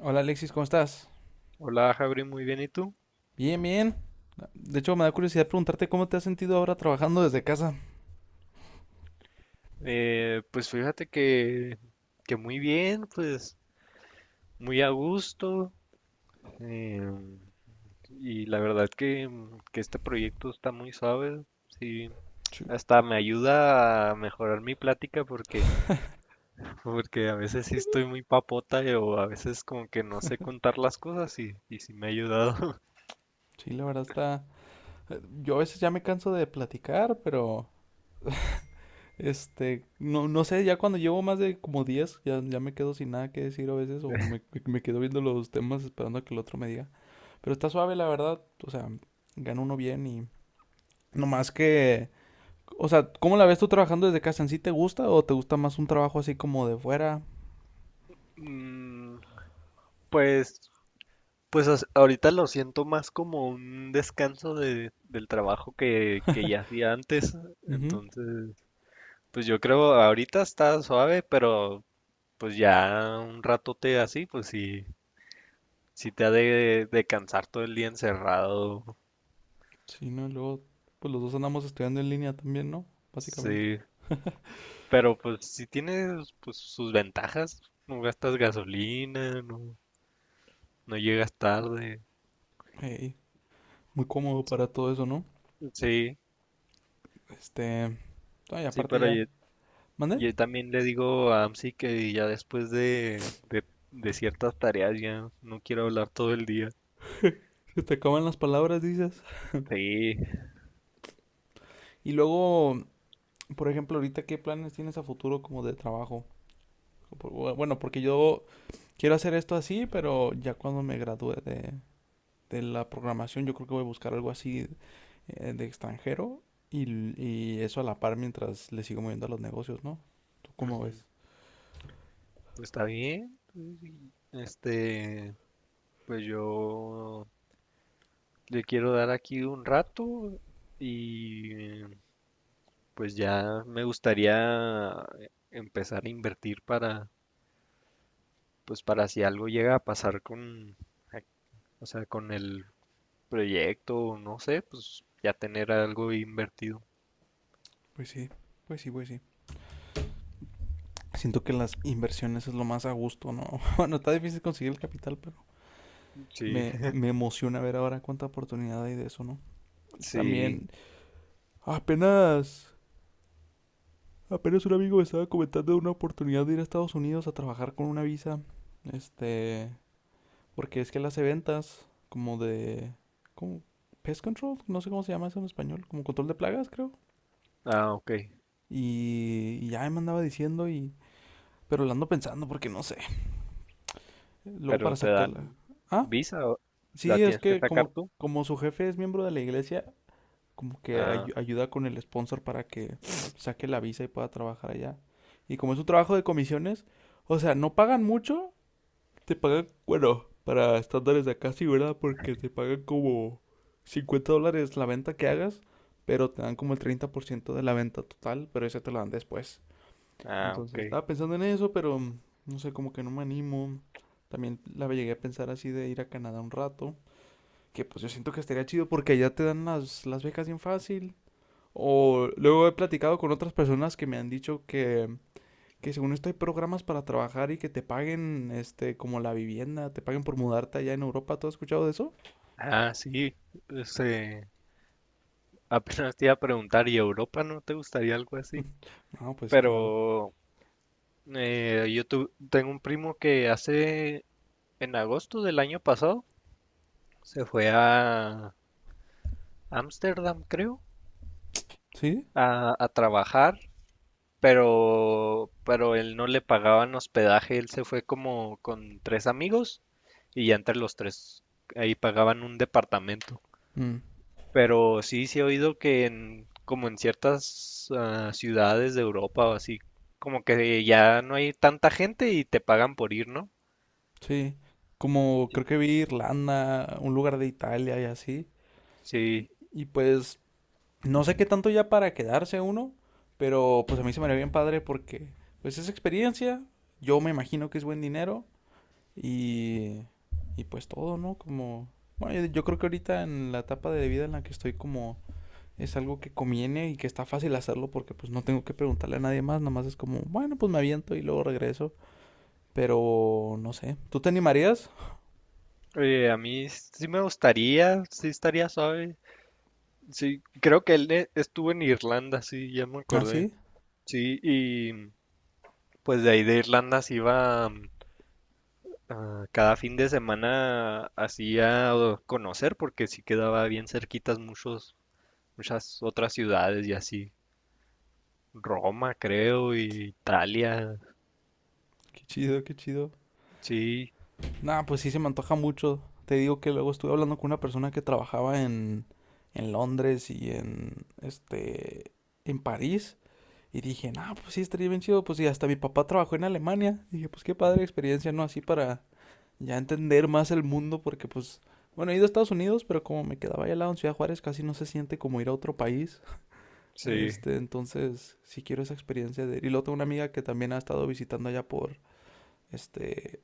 Hola Alexis, ¿cómo estás? Hola, Javi, muy bien, ¿y tú? Bien, bien. De hecho, me da curiosidad preguntarte cómo te has sentido ahora trabajando desde casa. Pues fíjate que muy bien, pues muy a gusto. eh, y la verdad que este proyecto está muy suave, sí. Sí. Hasta me ayuda a mejorar mi plática porque, porque a veces sí estoy muy papota o a veces como que no sé contar las cosas y sí me ha ayudado. Sí, la verdad está... Yo a veces ya me canso de platicar, pero... Este, no, no sé, ya cuando llevo más de como 10, ya me quedo sin nada que decir a veces, o me quedo viendo los temas esperando a que el otro me diga. Pero está suave, la verdad. O sea, gana uno bien y... No más que... O sea, ¿cómo la ves tú trabajando desde casa? ¿En sí te gusta o te gusta más un trabajo así como de fuera? Mm, pues ahorita lo siento más como un descanso del trabajo que ya hacía antes. Ujú. Entonces, pues yo creo ahorita está suave, pero pues ya un ratote así, pues sí, sí te ha de cansar todo el día encerrado. Sí, ¿no? Y luego, pues los dos andamos estudiando en línea también, ¿no? Básicamente. Sí, pero pues sí tiene pues, sus ventajas. No gastas gasolina, no llegas tarde. Ey, muy cómodo para todo eso, ¿no? Sí, Este... Ay, sí, aparte pero ya... ¿Mande? yo también le digo a Amsi que ya después de ciertas tareas ya no quiero hablar todo el día. Se te acaban las palabras, dices. Sí. Y luego, por ejemplo, ahorita, ¿qué planes tienes a futuro como de trabajo? Bueno, porque yo quiero hacer esto así, pero ya cuando me gradúe de la programación, yo creo que voy a buscar algo así de extranjero y, y eso a la par mientras le sigo moviendo a los negocios, ¿no? ¿Tú cómo Ujú. ves? Pues está bien. Este, pues yo le quiero dar aquí un rato y pues ya me gustaría empezar a invertir para, pues para si algo llega a pasar con, ac- o sea, con el proyecto, no sé, pues ya tener algo invertido. Pues sí, pues sí, pues sí. Siento que las inversiones es lo más a gusto, ¿no? Bueno, está difícil conseguir el capital, pero Sí. me emociona ver ahora cuánta oportunidad hay de eso, ¿no? Sí, También, apenas, apenas un amigo me estaba comentando de una oportunidad de ir a Estados Unidos a trabajar con una visa. Este, porque es que él hace ventas como como pest control, no sé cómo se llama eso en español, como control de plagas, creo. ah, ok, Y ya me andaba diciendo y, pero la ando pensando porque no sé. Luego pero para te sacarla. dan ¿Ah? visa o la Sí, es tienes que que sacar como, tú. como su jefe es miembro de la iglesia, como que Ah, ayuda con el sponsor para que saque la visa y pueda trabajar allá. Y como es un trabajo de comisiones, o sea, no pagan mucho, te pagan, bueno, para estándares de acá sí, ¿verdad? Porque te pagan como $50 la venta que hagas, pero te dan como el 30% de la venta total, pero ese te lo dan después. ah, Entonces ok. estaba pensando en eso, pero no sé, como que no me animo. También la llegué a pensar así de ir a Canadá un rato. Que pues yo siento que estaría chido porque allá te dan las becas bien fácil. O luego he platicado con otras personas que me han dicho que según esto hay programas para trabajar y que te paguen este como la vivienda, te paguen por mudarte allá en Europa. ¿Tú has escuchado de eso? Ah, sí, este, apenas te iba a preguntar, ¿y Europa no te gustaría algo así? No, pues claro. Pero yo tengo un primo que hace, en agosto del año pasado, se fue a Ámsterdam, creo, ¿Sí? A trabajar pero él no le pagaban hospedaje, él se fue como con tres amigos y ya entre los tres ahí pagaban un departamento. Mm, Pero sí, sí he oído que en, como en ciertas ciudades de Europa o así, como que ya no hay tanta gente y te pagan por ir, ¿no? sí, como Sí. creo que vi Irlanda, un lugar de Italia y así. Sí, Y pues no sé qué tanto ya para quedarse uno, pero pues a mí se me haría bien padre porque pues es experiencia, yo me imagino que es buen dinero. Y, y pues todo, ¿no? Como, bueno, yo creo que ahorita en la etapa de vida en la que estoy como es algo que conviene y que está fácil hacerlo porque pues no tengo que preguntarle a nadie más, nomás es como, bueno, pues me aviento y luego regreso, pero no sé, ¿tú te animarías? oye, a mí sí me gustaría, sí estaría suave. Sí, creo que él estuvo en Irlanda, sí, ya me Ah, acordé. sí, Sí, y pues de ahí de Irlanda se iba a cada fin de semana así a conocer porque sí quedaba bien cerquitas muchos, muchas otras ciudades y así. Roma, creo, y Italia. qué chido, qué chido. Sí, Nah, pues sí se me antoja mucho, te digo que luego estuve hablando con una persona que trabajaba en Londres y en, este, en París. Y dije, no, pues sí, estaría bien chido. Pues y hasta mi papá trabajó en Alemania. Dije, pues qué padre experiencia, ¿no? Así para ya entender más el mundo, porque pues, bueno, he ido a Estados Unidos, pero como me quedaba allá al lado en Ciudad Juárez, casi no se siente como ir a otro país. sí. Este, entonces, sí quiero esa experiencia de... Y luego tengo una amiga que también ha estado visitando allá por, este,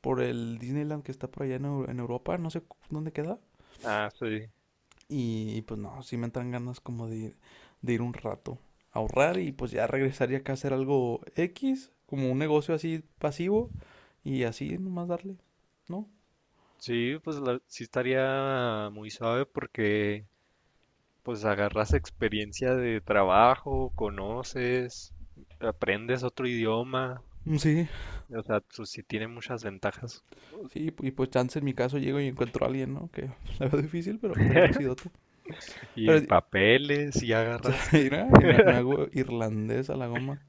por el Disneyland que está por allá en Europa, no sé dónde queda. Ah, sí. Y, pues no, sí me entran ganas como de ir un rato a ahorrar y pues ya regresaría acá a hacer algo X, como un negocio así pasivo y así nomás darle, ¿no? Sí, sí estaría muy suave porque pues agarras experiencia de trabajo, conoces, aprendes otro idioma. Sí, O sea, pues sí tiene muchas ventajas. sí, y pues chance en mi caso llego y encuentro a alguien, ¿no? Que la veo difícil, pero estaría chidote. Y Pero papeles, y agarraste. mira, y me hago irlandés a la goma.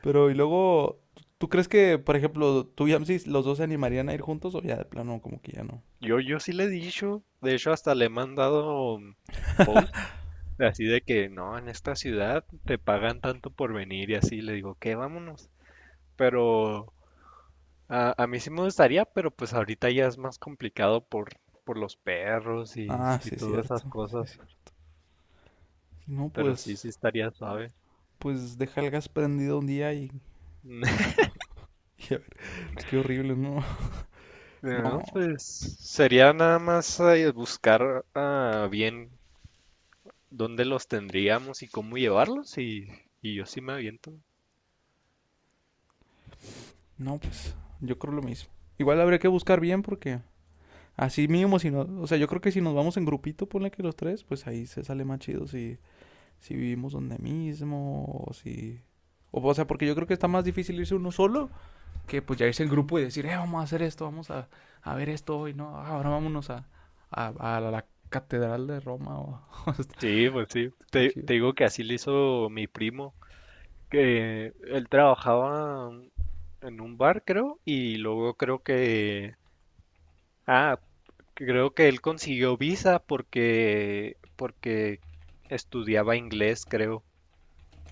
Pero y luego, ¿tú crees que, por ejemplo, tú y Amsis, los dos se animarían a ir juntos o ya de plano como que ya no? Yo sí le he dicho, de hecho hasta le he mandado post, así de que no, en esta ciudad te pagan tanto por venir y así, le digo, que vámonos. Pero a mí sí me gustaría, pero pues ahorita ya es más complicado por los perros Ah, y sí, todas cierto, esas sí, cosas, cierto. No, pero sí, pues sí estaría suave. pues deja el gas prendido un día y, oh, y a ver, qué horrible, no, No, no, pues sería nada más buscar bien dónde los tendríamos y cómo llevarlos y yo sí me aviento. no, pues yo creo lo mismo. Igual habría que buscar bien porque así mínimo, si no, o sea, yo creo que si nos vamos en grupito, ponle que los tres, pues ahí se sale más chido si, si vivimos donde mismo o si... O, o sea, porque yo creo que está más difícil irse uno solo que pues ya irse en grupo y decir, vamos a hacer esto, vamos a ver esto hoy, ¿no? Ah, Ahora vámonos a la catedral de Roma o... Sí, pues sí. Qué Te, chido. te digo que así le hizo mi primo, que él trabajaba en un bar, creo, y luego creo ah, creo que él consiguió visa porque estudiaba inglés, creo.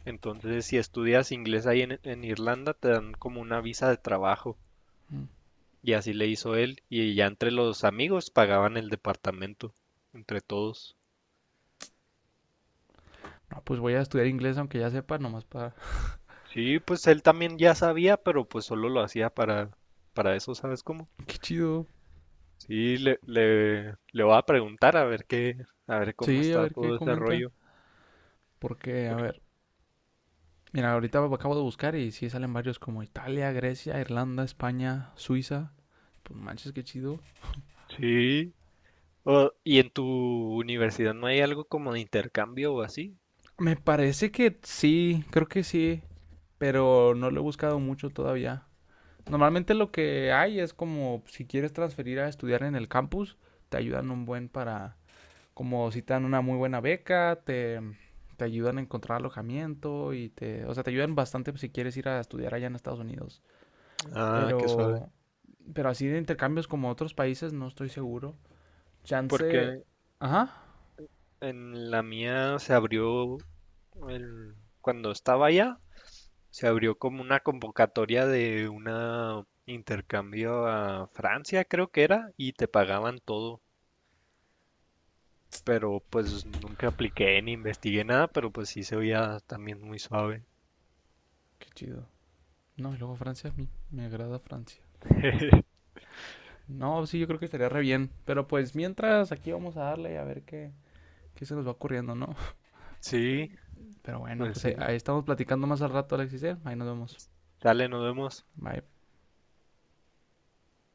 Entonces, si estudias inglés en Irlanda, te dan como una visa de trabajo. Mm. Y así le hizo él, y ya entre los amigos pagaban el departamento, entre todos. No, pues voy a estudiar inglés aunque ya sepa, nomás para... Sí, pues él también ya sabía, pero pues solo lo hacía para eso, ¿sabes cómo? Qué chido. Sí, le voy a preguntar a ver qué, a ver cómo Sí, a está ver qué todo ese comenta. rollo. Porque, a por- ver, mira, ahorita acabo de buscar y sí salen varios como Italia, Grecia, Irlanda, España, Suiza. Pues manches, qué chido. Sí. Oh, ¿y en tu universidad no hay algo como de intercambio o así? Me parece que sí, creo que sí, pero no lo he buscado mucho todavía. Normalmente lo que hay es como si quieres transferir a estudiar en el campus, te ayudan un buen para como si te dan una muy buena beca, te ayudan a encontrar alojamiento y te, o sea, te ayudan bastante si quieres ir a estudiar allá en Estados Unidos. Ah, qué suave. Pero, pero así de intercambios como otros países no estoy seguro. Porque Chance, ajá, en la mía se abrió el- cuando estaba allá, se abrió como una convocatoria de un intercambio a Francia, creo que era, y te pagaban todo. Pero pues nunca apliqué ni investigué nada, pero pues sí se veía también muy suave. qué chido. No, y luego Francia, a mí me agrada Francia. No, sí, yo creo que estaría re bien. Pero pues mientras aquí vamos a darle a ver qué, qué se nos va ocurriendo, ¿no? Sí, Pero bueno, pues pues ahí, sí. ahí estamos platicando más al rato, Alexis. ¿Eh? Ahí nos vemos. Dale, nos vemos. Bye.